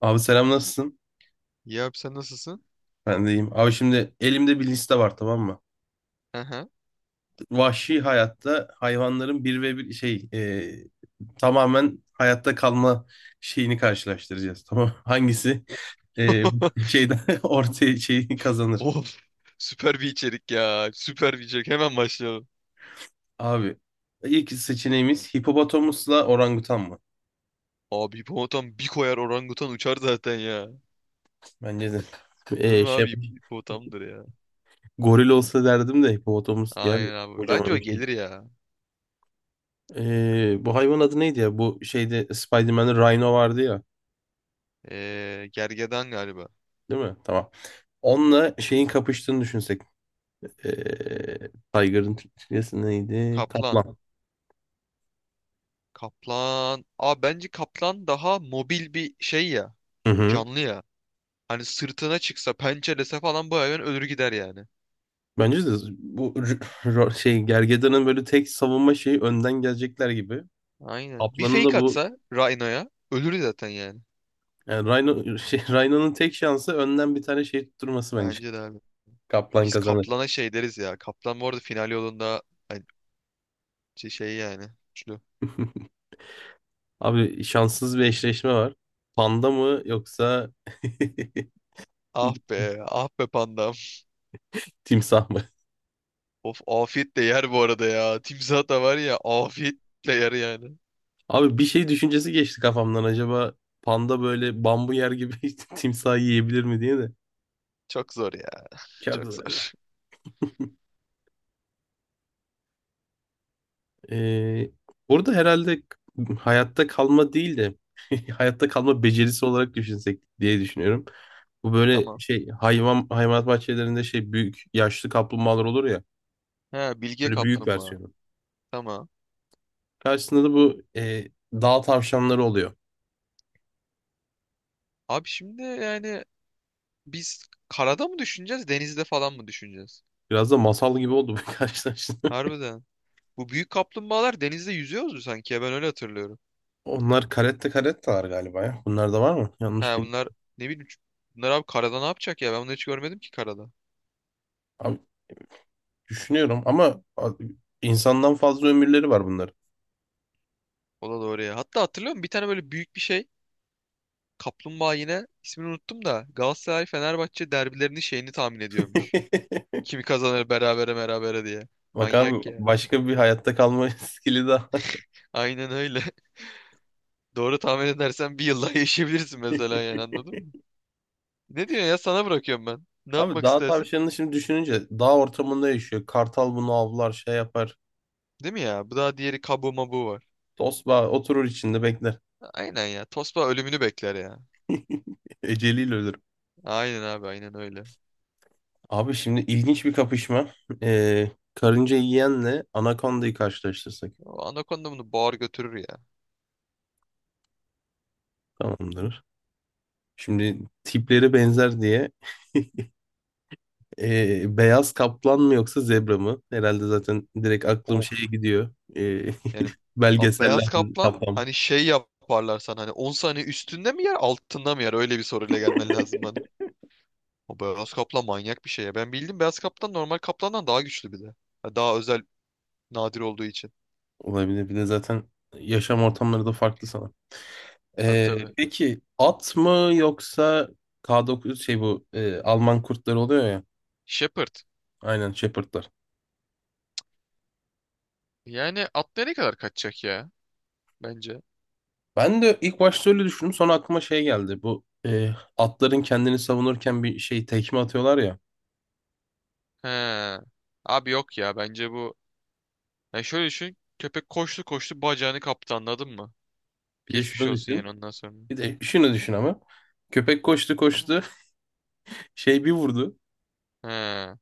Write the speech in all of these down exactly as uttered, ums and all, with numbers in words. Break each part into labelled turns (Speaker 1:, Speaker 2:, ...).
Speaker 1: Abi selam nasılsın?
Speaker 2: Ya abi sen nasılsın?
Speaker 1: Ben de iyiyim. Abi şimdi elimde bir liste var, tamam mı?
Speaker 2: Aha.
Speaker 1: Vahşi hayatta hayvanların bir ve bir şey e, tamamen hayatta kalma şeyini karşılaştıracağız. Tamam mı? Hangisi e, şeyden ortaya şeyi kazanır?
Speaker 2: Of. Süper bir içerik ya. Süper bir içerik. Hemen başlayalım.
Speaker 1: Abi ilk seçeneğimiz hipopotamusla orangutan mı?
Speaker 2: Abi hipopotam bir koyar orangutan uçar zaten ya.
Speaker 1: Bence de.
Speaker 2: Değil
Speaker 1: E,
Speaker 2: mi
Speaker 1: şey,
Speaker 2: abi? Hip- Hipopotamdır ya.
Speaker 1: goril olsa derdim de hipopotamus yer ya,
Speaker 2: Aynen abi. Bence o
Speaker 1: kocaman bir şey.
Speaker 2: gelir ya.
Speaker 1: E, bu hayvan adı neydi ya? Bu şeyde Spider-Man'de Rhino vardı ya.
Speaker 2: Ee, gergedan galiba.
Speaker 1: Değil mi? Tamam. Onunla şeyin kapıştığını düşünsek. Eee Tiger'ın Türkçesi neydi?
Speaker 2: Kaplan.
Speaker 1: Kaplan.
Speaker 2: Kaplan. Abi bence kaplan daha mobil bir şey ya.
Speaker 1: Hı hı.
Speaker 2: Canlı ya. Hani sırtına çıksa, pençelese falan bu hayvan ölür gider yani.
Speaker 1: Bence de bu r- r- şey Gergedan'ın böyle tek savunma şeyi önden gelecekler gibi.
Speaker 2: Aynen. Bir
Speaker 1: Kaplan'ın da
Speaker 2: fake
Speaker 1: bu
Speaker 2: atsa Rhino'ya ölür zaten yani.
Speaker 1: yani Rhino, şey, Rhino'nun tek şansı önden bir tane şey tutturması bence.
Speaker 2: Bence de abi.
Speaker 1: Kaplan
Speaker 2: Biz
Speaker 1: kazanır.
Speaker 2: Kaplan'a şey deriz ya. Kaplan bu arada final yolunda, hani şey şey yani. Üçlü.
Speaker 1: Abi şanssız bir eşleşme var. Panda mı yoksa
Speaker 2: Ah be, ah be pandam.
Speaker 1: timsah mı?
Speaker 2: Of, afiyet de yer bu arada ya. Timsah da var ya, afiyet de yer yani.
Speaker 1: Abi bir şey düşüncesi geçti kafamdan. Acaba panda böyle bambu yer gibi timsahı yiyebilir mi diye de.
Speaker 2: Çok zor ya,
Speaker 1: Çok
Speaker 2: çok
Speaker 1: zor ya.
Speaker 2: zor.
Speaker 1: Ee, burada herhalde hayatta kalma değil de hayatta kalma becerisi olarak düşünsek diye düşünüyorum. Bu böyle
Speaker 2: Tamam.
Speaker 1: şey hayvan hayvanat bahçelerinde şey büyük yaşlı kaplumbağalar olur ya.
Speaker 2: He, Bilge
Speaker 1: Böyle büyük
Speaker 2: Kaplumbağa.
Speaker 1: versiyonu.
Speaker 2: Tamam.
Speaker 1: Karşısında da bu e, dağ tavşanları oluyor.
Speaker 2: Abi şimdi yani biz karada mı düşüneceğiz, denizde falan mı düşüneceğiz?
Speaker 1: Biraz da masal gibi oldu bu karşılaşma.
Speaker 2: Harbiden. Bu büyük kaplumbağalar denizde yüzüyordu sanki ya, ben öyle hatırlıyorum.
Speaker 1: Onlar karette karettalar galiba ya. Bunlar da var mı?
Speaker 2: He,
Speaker 1: Yanlış bilmiyorum.
Speaker 2: bunlar, ne bileyim, bunlar abi karada ne yapacak ya, ben bunları hiç görmedim ki karada.
Speaker 1: Düşünüyorum ama insandan fazla ömürleri var bunların.
Speaker 2: O da doğru ya. Hatta hatırlıyor musun? Bir tane böyle büyük bir şey. Kaplumbağa, yine ismini unuttum da, Galatasaray Fenerbahçe derbilerinin şeyini tahmin ediyormuş. Kimi kazanır, berabere berabere diye.
Speaker 1: Bak abi
Speaker 2: Manyak ya.
Speaker 1: başka bir hayatta kalma skili daha.
Speaker 2: Aynen öyle. Doğru tahmin edersen bir yıl daha yaşayabilirsin mesela, yani anladın mı? Ne diyorsun ya, sana bırakıyorum ben. Ne
Speaker 1: Abi
Speaker 2: yapmak
Speaker 1: dağ
Speaker 2: istersin?
Speaker 1: tavşanını şimdi düşününce dağ ortamında yaşıyor. Kartal bunu avlar şey yapar.
Speaker 2: Değil mi ya? Bu daha, diğeri kabu mabu var.
Speaker 1: Tosbağa oturur içinde bekler.
Speaker 2: Aynen ya. Tosba ölümünü bekler ya.
Speaker 1: Eceliyle ölür.
Speaker 2: Aynen abi, aynen öyle.
Speaker 1: Abi şimdi ilginç bir kapışma. Ee, karınca yiyenle anakondayı karşılaştırsak.
Speaker 2: O anakonda bunu boğar götürür ya.
Speaker 1: Tamamdır. Şimdi tipleri benzer diye. ee, beyaz kaplan mı yoksa zebra mı? Herhalde zaten direkt aklım
Speaker 2: Of.
Speaker 1: şeye gidiyor. Ee,
Speaker 2: Yani abi
Speaker 1: Belgeseller
Speaker 2: beyaz kaplan,
Speaker 1: kaplama.
Speaker 2: hani şey yaparlar sana, hani on saniye üstünde mi yer altında mı yer, öyle bir soruyla gelmen lazım bana. O beyaz kaplan manyak bir şey ya. Ben bildim, beyaz kaplan normal kaplandan daha güçlü bir de. Ha, daha özel, nadir olduğu için.
Speaker 1: Olabilir. Bir de zaten yaşam ortamları da farklı sana.
Speaker 2: Tabii
Speaker 1: Ee,
Speaker 2: tabii.
Speaker 1: peki at mı yoksa K dokuz şey bu e, Alman kurtları oluyor ya.
Speaker 2: Shepherd.
Speaker 1: Aynen Shepherd'lar.
Speaker 2: Yani at nereye kadar kaçacak ya? Bence.
Speaker 1: Ben de ilk başta öyle düşündüm. Sonra aklıma şey geldi. Bu e, atların kendini savunurken bir şey tekme atıyorlar ya.
Speaker 2: He. Abi yok ya, bence bu. Yani şöyle düşün. Köpek koştu koştu, bacağını kaptı, anladın mı?
Speaker 1: Bir de
Speaker 2: Geçmiş
Speaker 1: şunu
Speaker 2: olsun yani
Speaker 1: düşün.
Speaker 2: ondan sonra.
Speaker 1: Bir de şunu düşün ama. Köpek koştu koştu. Şey bir vurdu.
Speaker 2: He.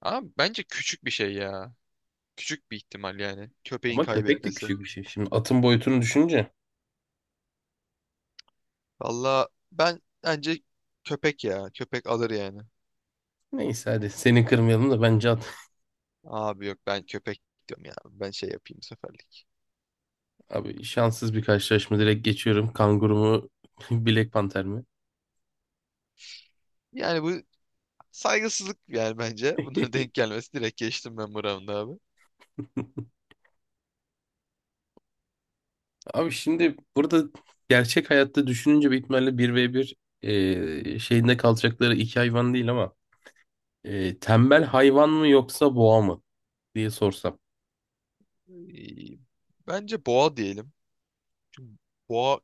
Speaker 2: Ama bence küçük bir şey ya. Küçük bir ihtimal yani. Köpeğin
Speaker 1: Ama köpek de
Speaker 2: kaybetmesi.
Speaker 1: küçük bir şey. Şimdi atın boyutunu düşünce.
Speaker 2: Valla ben, bence köpek ya. Köpek alır yani.
Speaker 1: Neyse hadi seni kırmayalım da bence.
Speaker 2: Abi yok, ben köpek diyorum ya. Ben şey yapayım bu seferlik.
Speaker 1: Abi şanssız bir karşılaşma direkt geçiyorum. Kanguru mu, Black Panther mi?
Speaker 2: Yani bu saygısızlık yani bence. Bunlara denk gelmesi, direkt geçtim ben bu round'u abi.
Speaker 1: Abi şimdi burada gerçek hayatta düşününce büyük ihtimalle bir ve bir e, şeyinde kalacakları iki hayvan değil ama e, tembel hayvan mı yoksa boğa mı diye sorsam.
Speaker 2: Ee, Bence boğa diyelim. Çünkü boğa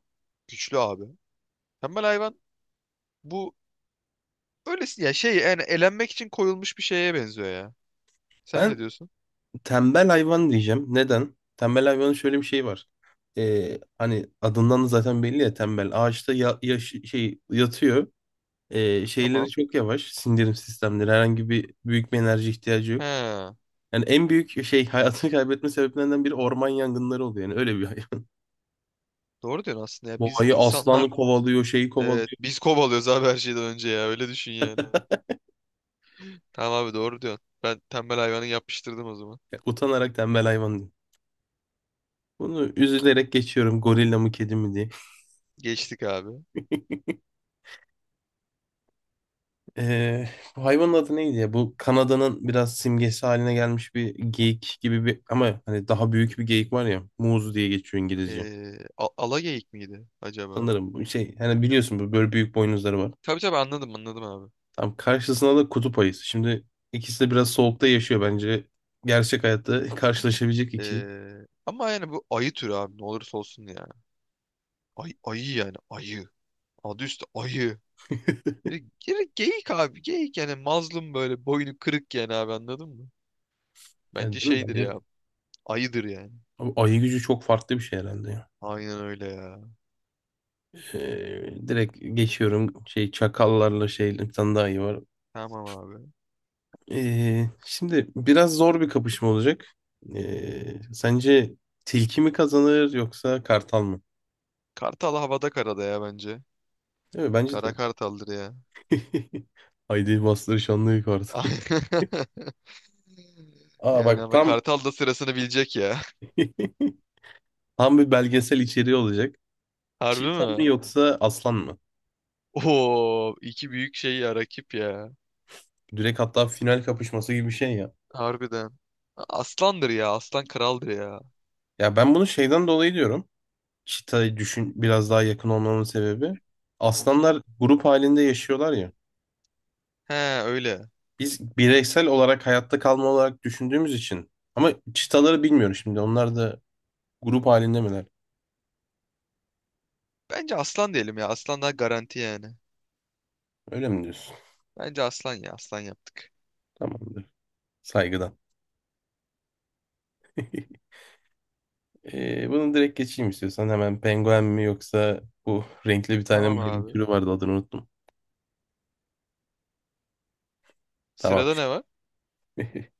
Speaker 2: güçlü abi. Tembel hayvan bu öylesi ya, şey yani elenmek için koyulmuş bir şeye benziyor ya. Sen
Speaker 1: Ben
Speaker 2: ne diyorsun?
Speaker 1: tembel hayvan diyeceğim. Neden? Tembel hayvanın şöyle bir şey var. Ee, hani adından da zaten belli ya tembel. Ağaçta ya, yaş- şey yatıyor. Ee,
Speaker 2: Tamam.
Speaker 1: şeyleri çok yavaş. Sindirim sistemleri. Herhangi bir büyük bir enerji ihtiyacı yok.
Speaker 2: He.
Speaker 1: Yani en büyük şey hayatını kaybetme sebeplerinden biri orman yangınları oluyor. Yani öyle bir hayvan.
Speaker 2: Doğru diyorsun aslında ya. Biz
Speaker 1: Boğayı
Speaker 2: insanlar.
Speaker 1: aslanı kovalıyor, şeyi
Speaker 2: Evet,
Speaker 1: kovalıyor.
Speaker 2: biz kovalıyoruz abi her şeyden önce ya. Öyle düşün yani. Tamam abi, doğru diyorsun. Ben tembel hayvanı yapıştırdım o zaman.
Speaker 1: Utanarak tembel hayvan diyor. Bunu üzülerek geçiyorum. Gorilla mı kedi mi diye.
Speaker 2: Geçtik abi.
Speaker 1: Ee, bu hayvanın adı neydi ya? Bu Kanada'nın biraz simgesi haline gelmiş bir geyik gibi bir ama hani daha büyük bir geyik var ya. Moose diye geçiyor İngilizce.
Speaker 2: Ee, a- alageyik miydi acaba?
Speaker 1: Sanırım bu şey hani biliyorsun bu böyle büyük boynuzları var.
Speaker 2: Tabii tabii, anladım anladım abi.
Speaker 1: Tam karşısında da kutup ayısı. Şimdi ikisi de biraz soğukta yaşıyor bence. Gerçek hayatta karşılaşabilecek ikili.
Speaker 2: Ee, ama yani bu ayı türü abi, ne olursa olsun ya. Ay, ayı yani ayı. Adı üstü ayı. Ee, Geri, geyik abi, geyik yani, mazlum böyle, boynu kırık yani abi, anladın mı? Bence
Speaker 1: Yani değil mi?
Speaker 2: şeydir
Speaker 1: Bence.
Speaker 2: ya, ayıdır yani.
Speaker 1: Abi ayı gücü çok farklı bir şey herhalde ya.
Speaker 2: Aynen öyle ya.
Speaker 1: Ee, direkt geçiyorum şey çakallarla şey bir tane daha iyi var.
Speaker 2: Tamam abi.
Speaker 1: Ee, şimdi biraz zor bir kapışma olacak. Ee, sence tilki mi kazanır yoksa kartal mı?
Speaker 2: Kartal havada karada ya, bence.
Speaker 1: Değil mi? Bence de.
Speaker 2: Kara kartaldır ya.
Speaker 1: Haydi bastır şanlı kartal. Aa bak
Speaker 2: Yani ama
Speaker 1: tam
Speaker 2: Kartal da sırasını bilecek ya.
Speaker 1: tam bir belgesel içeriği olacak.
Speaker 2: Harbi
Speaker 1: Çiğdem mi
Speaker 2: mi?
Speaker 1: yoksa Aslan mı?
Speaker 2: Oo, iki büyük şey ya, rakip ya.
Speaker 1: Direkt hatta final kapışması gibi bir şey ya.
Speaker 2: Harbiden. Aslandır ya. Aslan kraldır ya.
Speaker 1: Ya ben bunu şeyden dolayı diyorum. Çita'yı düşün biraz daha yakın olmamın sebebi.
Speaker 2: Hı hı.
Speaker 1: Aslanlar grup halinde yaşıyorlar ya.
Speaker 2: He, öyle.
Speaker 1: Biz bireysel olarak hayatta kalma olarak düşündüğümüz için. Ama çitaları bilmiyorum şimdi. Onlar da grup halinde miler?
Speaker 2: Bence aslan diyelim ya. Aslan daha garanti yani.
Speaker 1: Öyle mi diyorsun?
Speaker 2: Bence aslan ya. Aslan yaptık.
Speaker 1: Tamamdır. Saygıdan. Ee, bunu direkt geçeyim istiyorsan. Hemen penguen mi yoksa bu renkli bir tane
Speaker 2: Tamam
Speaker 1: maymun
Speaker 2: abi.
Speaker 1: türü vardı adını unuttum. Tamam.
Speaker 2: Sırada ne var?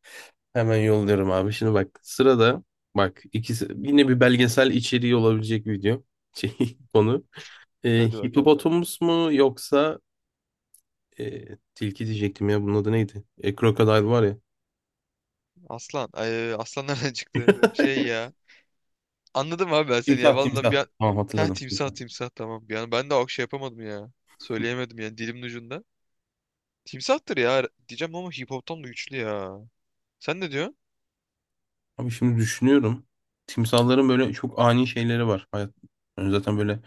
Speaker 1: Hemen yolluyorum abi. Şimdi bak sırada bak ikisi yine bir belgesel içeriği olabilecek video şey, konu. Ee,
Speaker 2: Hadi bakalım.
Speaker 1: hipopotamus mu yoksa e, tilki diyecektim ya bunun adı neydi? E, crocodile var ya.
Speaker 2: Aslan. Ay, aslan nereden çıktı? Şey ya. Anladım abi ben seni ya.
Speaker 1: Timsah
Speaker 2: Valla
Speaker 1: timsah.
Speaker 2: bir an...
Speaker 1: Tamam
Speaker 2: Heh,
Speaker 1: hatırladım.
Speaker 2: timsah
Speaker 1: Timsah.
Speaker 2: timsah tamam. Bir an ben de o şey yapamadım ya. Söyleyemedim yani, dilimin ucunda. Timsahtır ya diyeceğim, ama hip hop'tan da güçlü ya. Sen ne diyorsun?
Speaker 1: Abi şimdi düşünüyorum. Timsahların böyle çok ani şeyleri var. Hayat, yani zaten böyle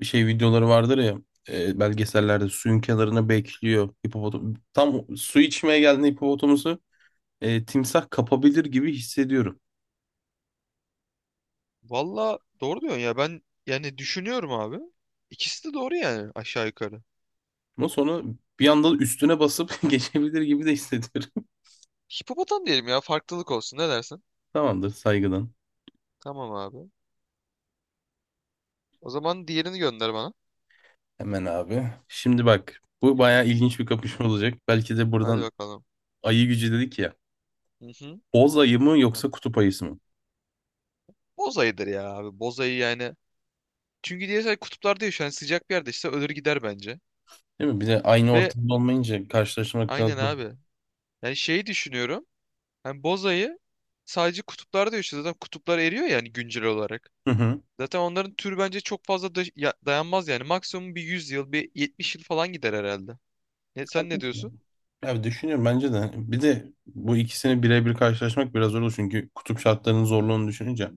Speaker 1: bir şey videoları vardır ya. e, belgesellerde suyun kenarına bekliyor. Hipopotam tam su içmeye geldiğinde hipopotamusu e, timsah kapabilir gibi hissediyorum.
Speaker 2: Valla doğru diyorsun ya, ben yani düşünüyorum abi. İkisi de doğru yani, aşağı yukarı.
Speaker 1: Ama sonra bir anda üstüne basıp geçebilir gibi de hissediyorum.
Speaker 2: Hipopotam diyelim ya, farklılık olsun, ne dersin?
Speaker 1: Tamamdır saygıdan.
Speaker 2: Tamam abi. O zaman diğerini gönder bana.
Speaker 1: Hemen abi. Şimdi bak bu bayağı ilginç bir kapışma olacak. Belki de
Speaker 2: Hadi
Speaker 1: buradan
Speaker 2: bakalım.
Speaker 1: ayı gücü dedik ya.
Speaker 2: Hı hı.
Speaker 1: Boz ayı mı yoksa kutup ayısı mı?
Speaker 2: Bozayıdır ya abi, bozayı yani. Çünkü diğer şey kutuplarda yaşıyor yani, sıcak bir yerde işte ölür gider bence.
Speaker 1: Değil mi? Bir de aynı
Speaker 2: Ve
Speaker 1: ortamda olmayınca karşılaşmak biraz
Speaker 2: aynen
Speaker 1: zor.
Speaker 2: abi. Yani şeyi düşünüyorum. Hani bozayı sadece kutuplarda yaşıyor, zaten kutuplar eriyor yani, güncel olarak.
Speaker 1: Hı hı.
Speaker 2: Zaten onların türü bence çok fazla da- ya- dayanmaz yani. Maksimum bir yüz yıl, bir yetmiş yıl falan gider herhalde. Ne, sen ne diyorsun?
Speaker 1: Haklısın. Abi düşünüyorum bence de. Bir de bu ikisini birebir karşılaşmak biraz zor olur çünkü kutup şartlarının zorluğunu düşününce.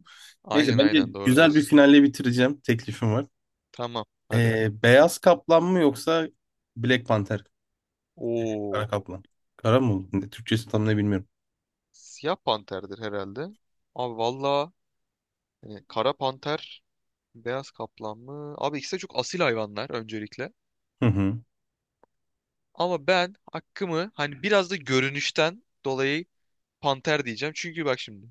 Speaker 1: Neyse
Speaker 2: Aynen
Speaker 1: bence
Speaker 2: aynen, doğru
Speaker 1: güzel bir
Speaker 2: diyorsun.
Speaker 1: finalle bitireceğim. Teklifim var.
Speaker 2: Tamam hadi.
Speaker 1: Ee, beyaz kaplan mı yoksa Black Panther? Kara
Speaker 2: Oo,
Speaker 1: kaplan. Kara mı oldu? Ne- Türkçesi tam ne bilmiyorum.
Speaker 2: siyah panterdir herhalde. Abi valla, hani kara panter, beyaz kaplan mı? Abi ikisi de çok asil hayvanlar öncelikle.
Speaker 1: Hı hı.
Speaker 2: Ama ben hakkımı, hani biraz da görünüşten dolayı, panter diyeceğim. Çünkü bak şimdi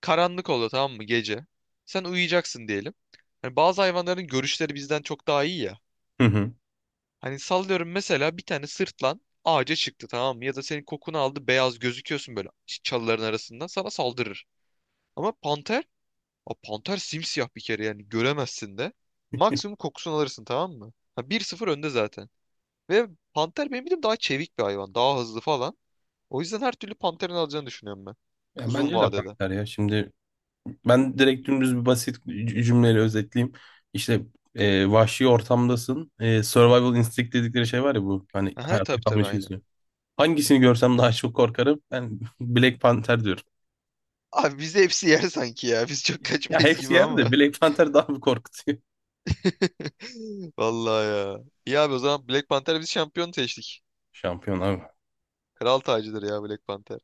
Speaker 2: karanlık oldu, tamam mı, gece. Sen uyuyacaksın diyelim. Hani bazı hayvanların görüşleri bizden çok daha iyi ya.
Speaker 1: Hı hı.
Speaker 2: Hani sallıyorum, mesela bir tane sırtlan ağaca çıktı, tamam mı? Ya da senin kokunu aldı, beyaz gözüküyorsun böyle, çalıların arasından sana saldırır. Ama panter, a panter simsiyah bir kere yani, göremezsin de. Maksimum kokusunu alırsın, tamam mı? Ha, bir sıfır önde zaten. Ve panter benim bildiğim daha çevik bir hayvan. Daha hızlı falan. O yüzden her türlü panterin alacağını düşünüyorum ben.
Speaker 1: Ya
Speaker 2: Uzun
Speaker 1: bence de
Speaker 2: vadede.
Speaker 1: panter ya. Şimdi ben direkt dümdüz bir basit cü- cümleyle özetleyeyim. İşte e, vahşi ortamdasın. E, survival instinct dedikleri şey var ya bu. Hani
Speaker 2: Aha,
Speaker 1: hayatta
Speaker 2: tabii
Speaker 1: kalma
Speaker 2: tabii, aynen.
Speaker 1: içgüdüsü. Hangisini görsem daha çok korkarım? Ben Black Panther diyorum.
Speaker 2: Abi bizi hepsi yer sanki ya. Biz çok
Speaker 1: Ya
Speaker 2: kaçmayız
Speaker 1: hepsi
Speaker 2: gibi,
Speaker 1: yerde de
Speaker 2: ama.
Speaker 1: Black Panther daha bir korkutuyor.
Speaker 2: Vallahi ya. İyi abi, o zaman Black Panther biz şampiyon seçtik.
Speaker 1: Şampiyon abi.
Speaker 2: Kral tacıdır ya Black Panther.